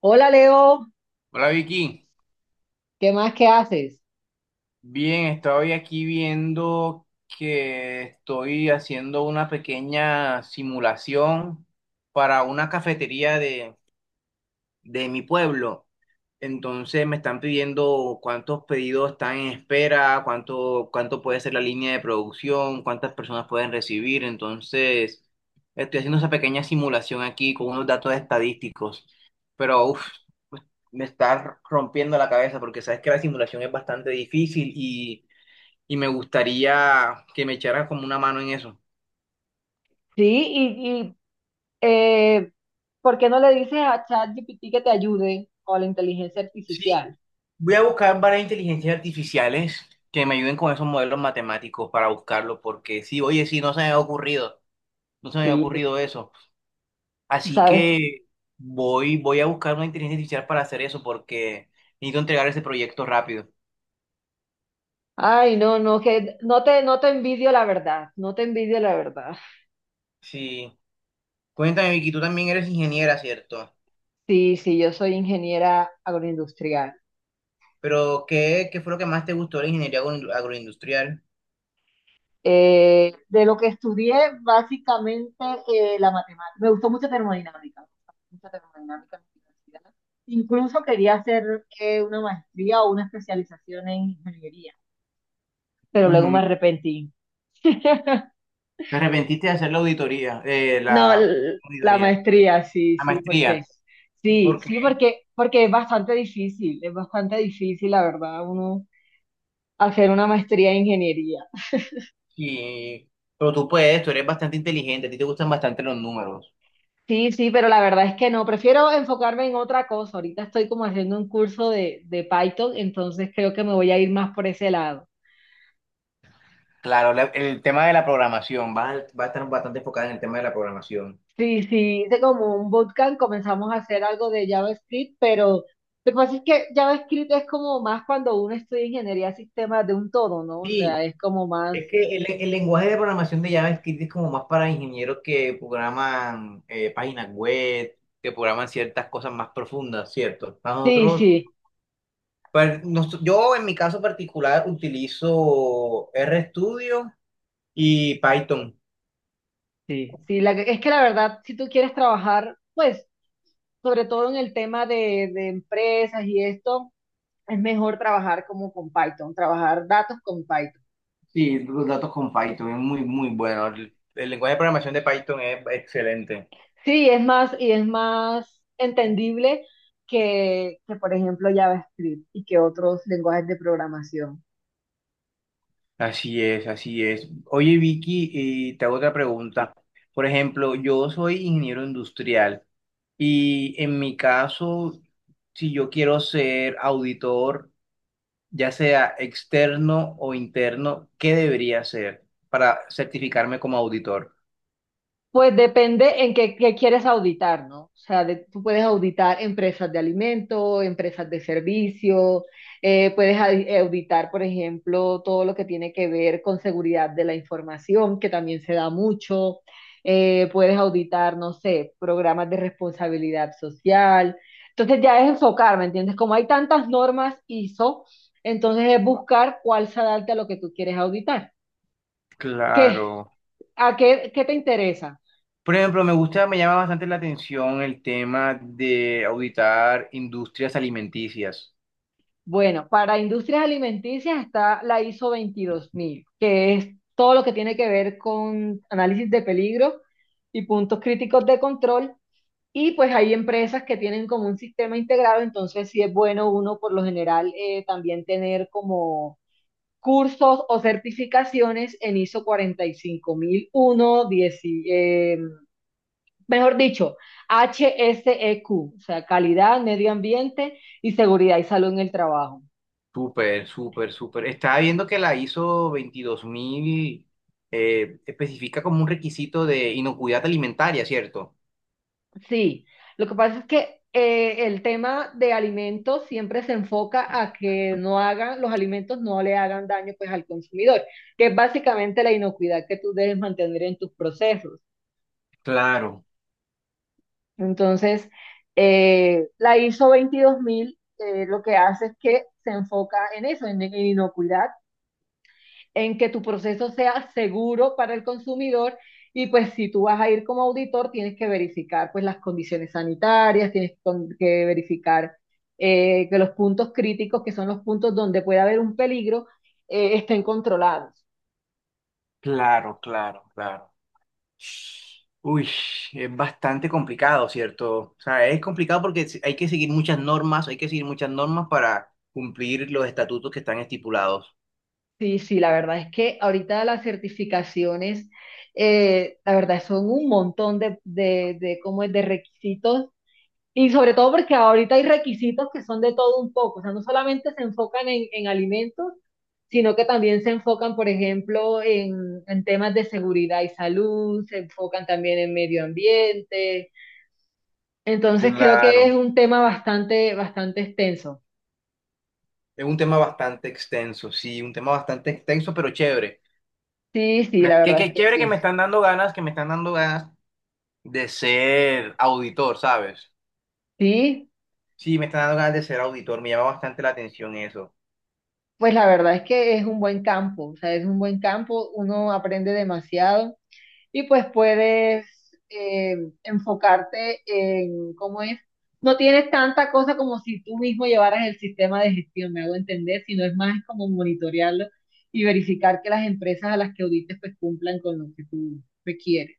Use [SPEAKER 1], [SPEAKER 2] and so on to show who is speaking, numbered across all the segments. [SPEAKER 1] Hola Leo,
[SPEAKER 2] Hola Vicky,
[SPEAKER 1] ¿qué más que haces?
[SPEAKER 2] bien, estoy aquí viendo que estoy haciendo una pequeña simulación para una cafetería de mi pueblo. Entonces me están pidiendo cuántos pedidos están en espera, cuánto puede ser la línea de producción, cuántas personas pueden recibir. Entonces estoy haciendo esa pequeña simulación aquí con unos datos estadísticos. Pero uff, me está rompiendo la cabeza porque sabes que la simulación es bastante difícil y me gustaría que me echaras como una mano en eso.
[SPEAKER 1] Sí, eh, ¿por qué no le dices a ChatGPT que te ayude o a la inteligencia
[SPEAKER 2] Sí,
[SPEAKER 1] artificial?
[SPEAKER 2] voy a buscar varias inteligencias artificiales que me ayuden con esos modelos matemáticos para buscarlo porque sí, oye, sí, no se me ha ocurrido, no se me ha
[SPEAKER 1] Sí.
[SPEAKER 2] ocurrido eso.
[SPEAKER 1] Tú
[SPEAKER 2] Así
[SPEAKER 1] sabes.
[SPEAKER 2] que voy a buscar una inteligencia artificial para hacer eso porque necesito entregar ese proyecto rápido.
[SPEAKER 1] Ay, no, no, que no te envidio, la verdad, no te envidio, la verdad.
[SPEAKER 2] Sí, cuéntame, Vicky, tú también eres ingeniera, ¿cierto?
[SPEAKER 1] Sí, sí, yo soy ingeniera agroindustrial.
[SPEAKER 2] Pero, ¿qué fue lo que más te gustó de la ingeniería agroindustrial?
[SPEAKER 1] De lo que estudié, básicamente la matemática. Me gustó mucho termodinámica en la universidad. Incluso quería hacer una maestría o una especialización en ingeniería, pero luego
[SPEAKER 2] Ujú.
[SPEAKER 1] me arrepentí.
[SPEAKER 2] Te arrepentiste de hacer la auditoría,
[SPEAKER 1] No,
[SPEAKER 2] la
[SPEAKER 1] la
[SPEAKER 2] auditoría,
[SPEAKER 1] maestría, sí,
[SPEAKER 2] la
[SPEAKER 1] sí, porque
[SPEAKER 2] maestría.
[SPEAKER 1] sí,
[SPEAKER 2] Porque,
[SPEAKER 1] sí, porque porque es bastante difícil, la verdad, uno hacer una maestría en ingeniería.
[SPEAKER 2] sí, pero tú puedes, tú eres bastante inteligente, a ti te gustan bastante los números.
[SPEAKER 1] Sí, sí, pero la verdad es que no, prefiero enfocarme en otra cosa. Ahorita estoy como haciendo un curso de Python, entonces creo que me voy a ir más por ese lado.
[SPEAKER 2] Claro, el tema de la programación, va a estar bastante enfocada en el tema de la programación.
[SPEAKER 1] Sí, sí, hice como un bootcamp, comenzamos a hacer algo de JavaScript, pero lo que pasa es que JavaScript es como más cuando uno estudia ingeniería de sistemas de un todo, ¿no? O sea,
[SPEAKER 2] Sí,
[SPEAKER 1] es como más.
[SPEAKER 2] es que el lenguaje de programación de JavaScript es como más para ingenieros que programan páginas web, que programan ciertas cosas más profundas, ¿cierto? Para
[SPEAKER 1] Sí,
[SPEAKER 2] nosotros,
[SPEAKER 1] sí,
[SPEAKER 2] pues, yo en mi caso particular utilizo RStudio y Python.
[SPEAKER 1] sí, sí, es que la verdad, si tú quieres trabajar, pues, sobre todo en el tema de empresas y esto. Es mejor trabajar como con Python, trabajar datos con Python.
[SPEAKER 2] Sí, los datos con Python es muy, muy bueno. El lenguaje de programación de Python es excelente.
[SPEAKER 1] Sí, es más, y es más entendible que, por ejemplo, JavaScript y que otros lenguajes de programación.
[SPEAKER 2] Así es, así es. Oye, Vicky, y te hago otra pregunta. Por ejemplo, yo soy ingeniero industrial y en mi caso, si yo quiero ser auditor, ya sea externo o interno, ¿qué debería hacer para certificarme como auditor?
[SPEAKER 1] Pues depende en qué, qué quieres auditar, ¿no? O sea, tú puedes auditar empresas de alimento, empresas de servicio, auditar, por ejemplo, todo lo que tiene que ver con seguridad de la información, que también se da mucho. Puedes auditar, no sé, programas de responsabilidad social. Entonces ya es enfocar, ¿me entiendes? Como hay tantas normas ISO, entonces es buscar cuál se adapta a lo que tú quieres auditar. ¿Qué?
[SPEAKER 2] Claro.
[SPEAKER 1] ¿A qué, qué te interesa?
[SPEAKER 2] Por ejemplo, me gusta, me llama bastante la atención el tema de auditar industrias alimenticias.
[SPEAKER 1] Bueno, para industrias alimenticias está la ISO 22000, que es todo lo que tiene que ver con análisis de peligro y puntos críticos de control. Y pues hay empresas que tienen como un sistema integrado, entonces sí es bueno uno por lo general también tener como cursos o certificaciones en ISO 45001, 10, eh, mejor dicho, HSEQ, o sea, calidad, medio ambiente y seguridad y salud en el trabajo.
[SPEAKER 2] Súper, súper, súper. Estaba viendo que la ISO 22000 especifica como un requisito de inocuidad alimentaria, ¿cierto?
[SPEAKER 1] Sí, lo que pasa es que el tema de alimentos siempre se enfoca a que los alimentos no le hagan daño, pues, al consumidor, que es básicamente la inocuidad que tú debes mantener en tus procesos.
[SPEAKER 2] Claro,
[SPEAKER 1] Entonces, la ISO 22000, lo que hace es que se enfoca en eso, en inocuidad, en que tu proceso sea seguro para el consumidor. Y pues si tú vas a ir como auditor, tienes que verificar, pues, las condiciones sanitarias, que verificar que los puntos críticos, que son los puntos donde puede haber un peligro, estén controlados.
[SPEAKER 2] claro, claro, claro. Uy, es bastante complicado, ¿cierto? O sea, es complicado porque hay que seguir muchas normas, hay que seguir muchas normas para cumplir los estatutos que están estipulados.
[SPEAKER 1] Sí, sí, la verdad es que ahorita las certificaciones, la verdad, son un montón ¿cómo es? De requisitos. Y sobre todo porque ahorita hay requisitos que son de todo un poco, o sea, no solamente se enfocan en alimentos, sino que también se enfocan, por ejemplo, en temas de seguridad y salud, se enfocan también en medio ambiente. Entonces creo que es
[SPEAKER 2] Claro.
[SPEAKER 1] un tema bastante, bastante extenso.
[SPEAKER 2] Es un tema bastante extenso, sí, un tema bastante extenso, pero chévere.
[SPEAKER 1] Sí, sí, la
[SPEAKER 2] Qué,
[SPEAKER 1] verdad es
[SPEAKER 2] qué
[SPEAKER 1] que
[SPEAKER 2] chévere que
[SPEAKER 1] sí.
[SPEAKER 2] me están dando ganas, que me están dando ganas de ser auditor, ¿sabes?
[SPEAKER 1] Sí,
[SPEAKER 2] Sí, me están dando ganas de ser auditor, me llama bastante la atención eso.
[SPEAKER 1] pues la verdad es que es un buen campo, o sea, es un buen campo, uno aprende demasiado. Y pues puedes eh, enfocarte en cómo es. No tienes tanta cosa como si tú mismo llevaras el sistema de gestión, me hago entender, sino es más como monitorearlo y verificar que las empresas a las que audites, pues, cumplan con lo que tú requieres.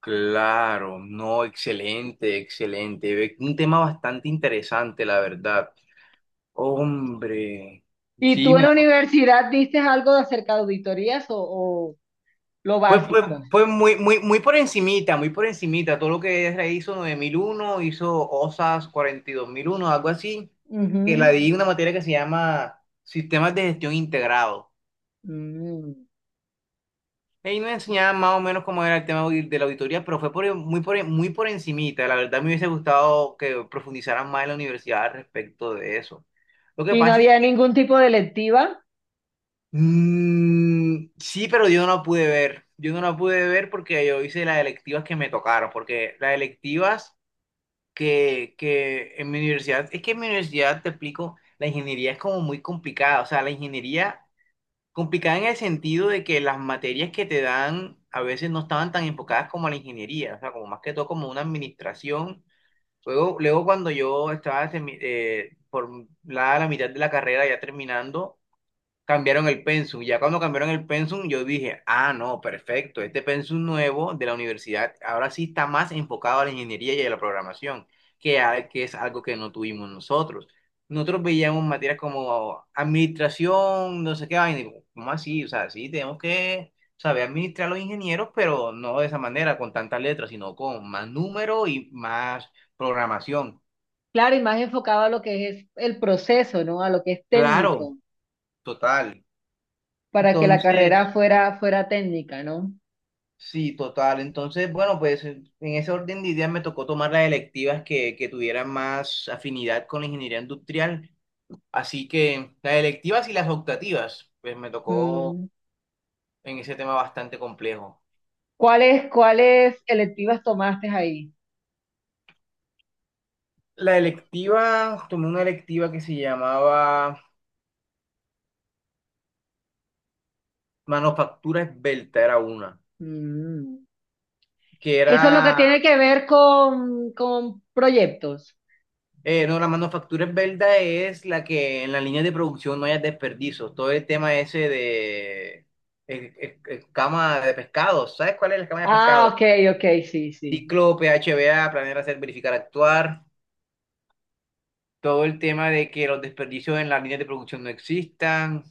[SPEAKER 2] Claro, no, excelente, excelente. Un tema bastante interesante, la verdad. Hombre,
[SPEAKER 1] ¿Y
[SPEAKER 2] sí,
[SPEAKER 1] tú en
[SPEAKER 2] me
[SPEAKER 1] la universidad dices algo de acerca de auditorías o lo
[SPEAKER 2] Pues, pues,
[SPEAKER 1] básico?
[SPEAKER 2] pues muy, muy, muy por encimita, muy por encimita. Todo lo que ella hizo 9001 hizo OSAS 42.001 algo así, que la
[SPEAKER 1] Ujú.
[SPEAKER 2] di una materia que se llama Sistemas de Gestión Integrado.
[SPEAKER 1] Mm.
[SPEAKER 2] Ahí me enseñaban más o menos cómo era el tema de la auditoría, pero fue muy por encimita. La verdad me hubiese gustado que profundizaran más en la universidad al respecto de eso. Lo que
[SPEAKER 1] ¿Y no
[SPEAKER 2] pasa es
[SPEAKER 1] había
[SPEAKER 2] que
[SPEAKER 1] ningún tipo de lectiva?
[SPEAKER 2] sí, pero yo no la pude ver. Yo no la pude ver porque yo hice las electivas que me tocaron, porque las electivas que en mi universidad, es que en mi universidad te explico, la ingeniería es como muy complicada, o sea, la ingeniería complicada en el sentido de que las materias que te dan a veces no estaban tan enfocadas como a la ingeniería, o sea, como más que todo como una administración. Luego, luego cuando yo estaba por la mitad de la carrera ya terminando, cambiaron el pensum. Ya cuando cambiaron el pensum, yo dije, ah, no, perfecto, este pensum nuevo de la universidad ahora sí está más enfocado a la ingeniería y a la programación, que es algo que no tuvimos nosotros. Nosotros veíamos materias como administración, no sé qué vaina, y digo, ¿cómo así? O sea, sí, tenemos que saber administrar a los ingenieros, pero no de esa manera, con tantas letras, sino con más número y más programación.
[SPEAKER 1] Claro, y más enfocado a lo que es el proceso, ¿no? A lo que es
[SPEAKER 2] Claro,
[SPEAKER 1] técnico.
[SPEAKER 2] total.
[SPEAKER 1] Para que la
[SPEAKER 2] Entonces,
[SPEAKER 1] carrera fuera, fuera técnica, ¿no?
[SPEAKER 2] sí, total. Entonces, bueno, pues en ese orden de ideas me tocó tomar las electivas que tuvieran más afinidad con la ingeniería industrial. Así que las electivas y las optativas, pues me tocó
[SPEAKER 1] Mm.
[SPEAKER 2] en ese tema bastante complejo.
[SPEAKER 1] ¿Cuáles, cuáles electivas tomaste ahí?
[SPEAKER 2] La electiva, tomé una electiva que se llamaba Manufactura Esbelta, era una,
[SPEAKER 1] Mm.
[SPEAKER 2] que
[SPEAKER 1] Eso es lo que
[SPEAKER 2] era
[SPEAKER 1] tiene que ver con proyectos.
[SPEAKER 2] No, la manufactura es verdad, es la que en la línea de producción no haya desperdicios. Todo el tema ese de cama de pescado. ¿Sabes cuál es la cama de
[SPEAKER 1] Ah,
[SPEAKER 2] pescado?
[SPEAKER 1] ok, ok, sí, sí.
[SPEAKER 2] Ciclo, PHBA, planear, hacer, verificar, actuar. Todo el tema de que los desperdicios en las líneas de producción no existan.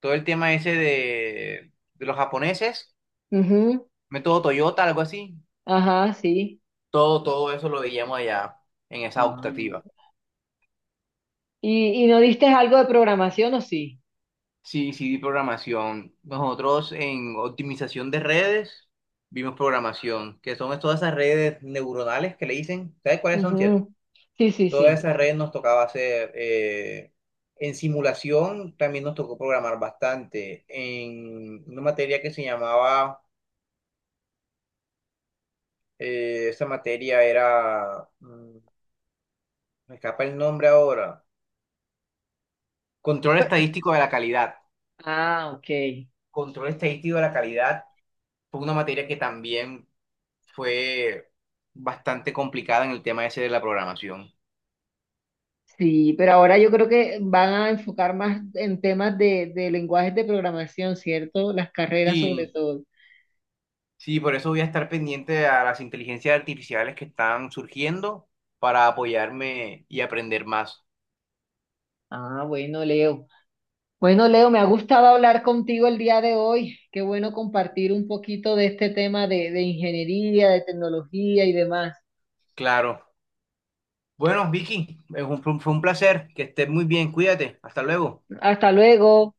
[SPEAKER 2] Todo el tema ese de los japoneses.
[SPEAKER 1] Ujú.
[SPEAKER 2] Método Toyota, algo así.
[SPEAKER 1] Ajá, sí.
[SPEAKER 2] Todo eso lo veíamos allá en esa
[SPEAKER 1] Ah.
[SPEAKER 2] optativa.
[SPEAKER 1] Y no diste algo de programación o sí?
[SPEAKER 2] Sí, sí, vi programación. Nosotros en optimización de redes vimos programación, que son todas esas redes neuronales que le dicen. ¿Sabes cuáles son, cierto?
[SPEAKER 1] Ujú. Sí, sí,
[SPEAKER 2] Todas
[SPEAKER 1] sí.
[SPEAKER 2] esas redes nos tocaba hacer. En simulación también nos tocó programar bastante. En una materia que se llamaba, esa materia era, me escapa el nombre ahora, control
[SPEAKER 1] Pe-
[SPEAKER 2] estadístico de la calidad.
[SPEAKER 1] Ah, ok.
[SPEAKER 2] Control estadístico de la calidad fue una materia que también fue bastante complicada en el tema ese de la programación.
[SPEAKER 1] Sí, pero ahora yo creo que van a enfocar más en temas de lenguajes de programación, ¿cierto? Las carreras, sobre
[SPEAKER 2] Sí,
[SPEAKER 1] todo.
[SPEAKER 2] sí, por eso voy a estar pendiente a las inteligencias artificiales que están surgiendo para apoyarme y aprender más.
[SPEAKER 1] Ah, bueno, Leo. Bueno, Leo, me ha gustado hablar contigo el día de hoy. Qué bueno compartir un poquito de este tema de ingeniería, de tecnología y demás.
[SPEAKER 2] Claro. Bueno, Vicky, fue un placer. Que estés muy bien. Cuídate. Hasta luego.
[SPEAKER 1] Hasta luego.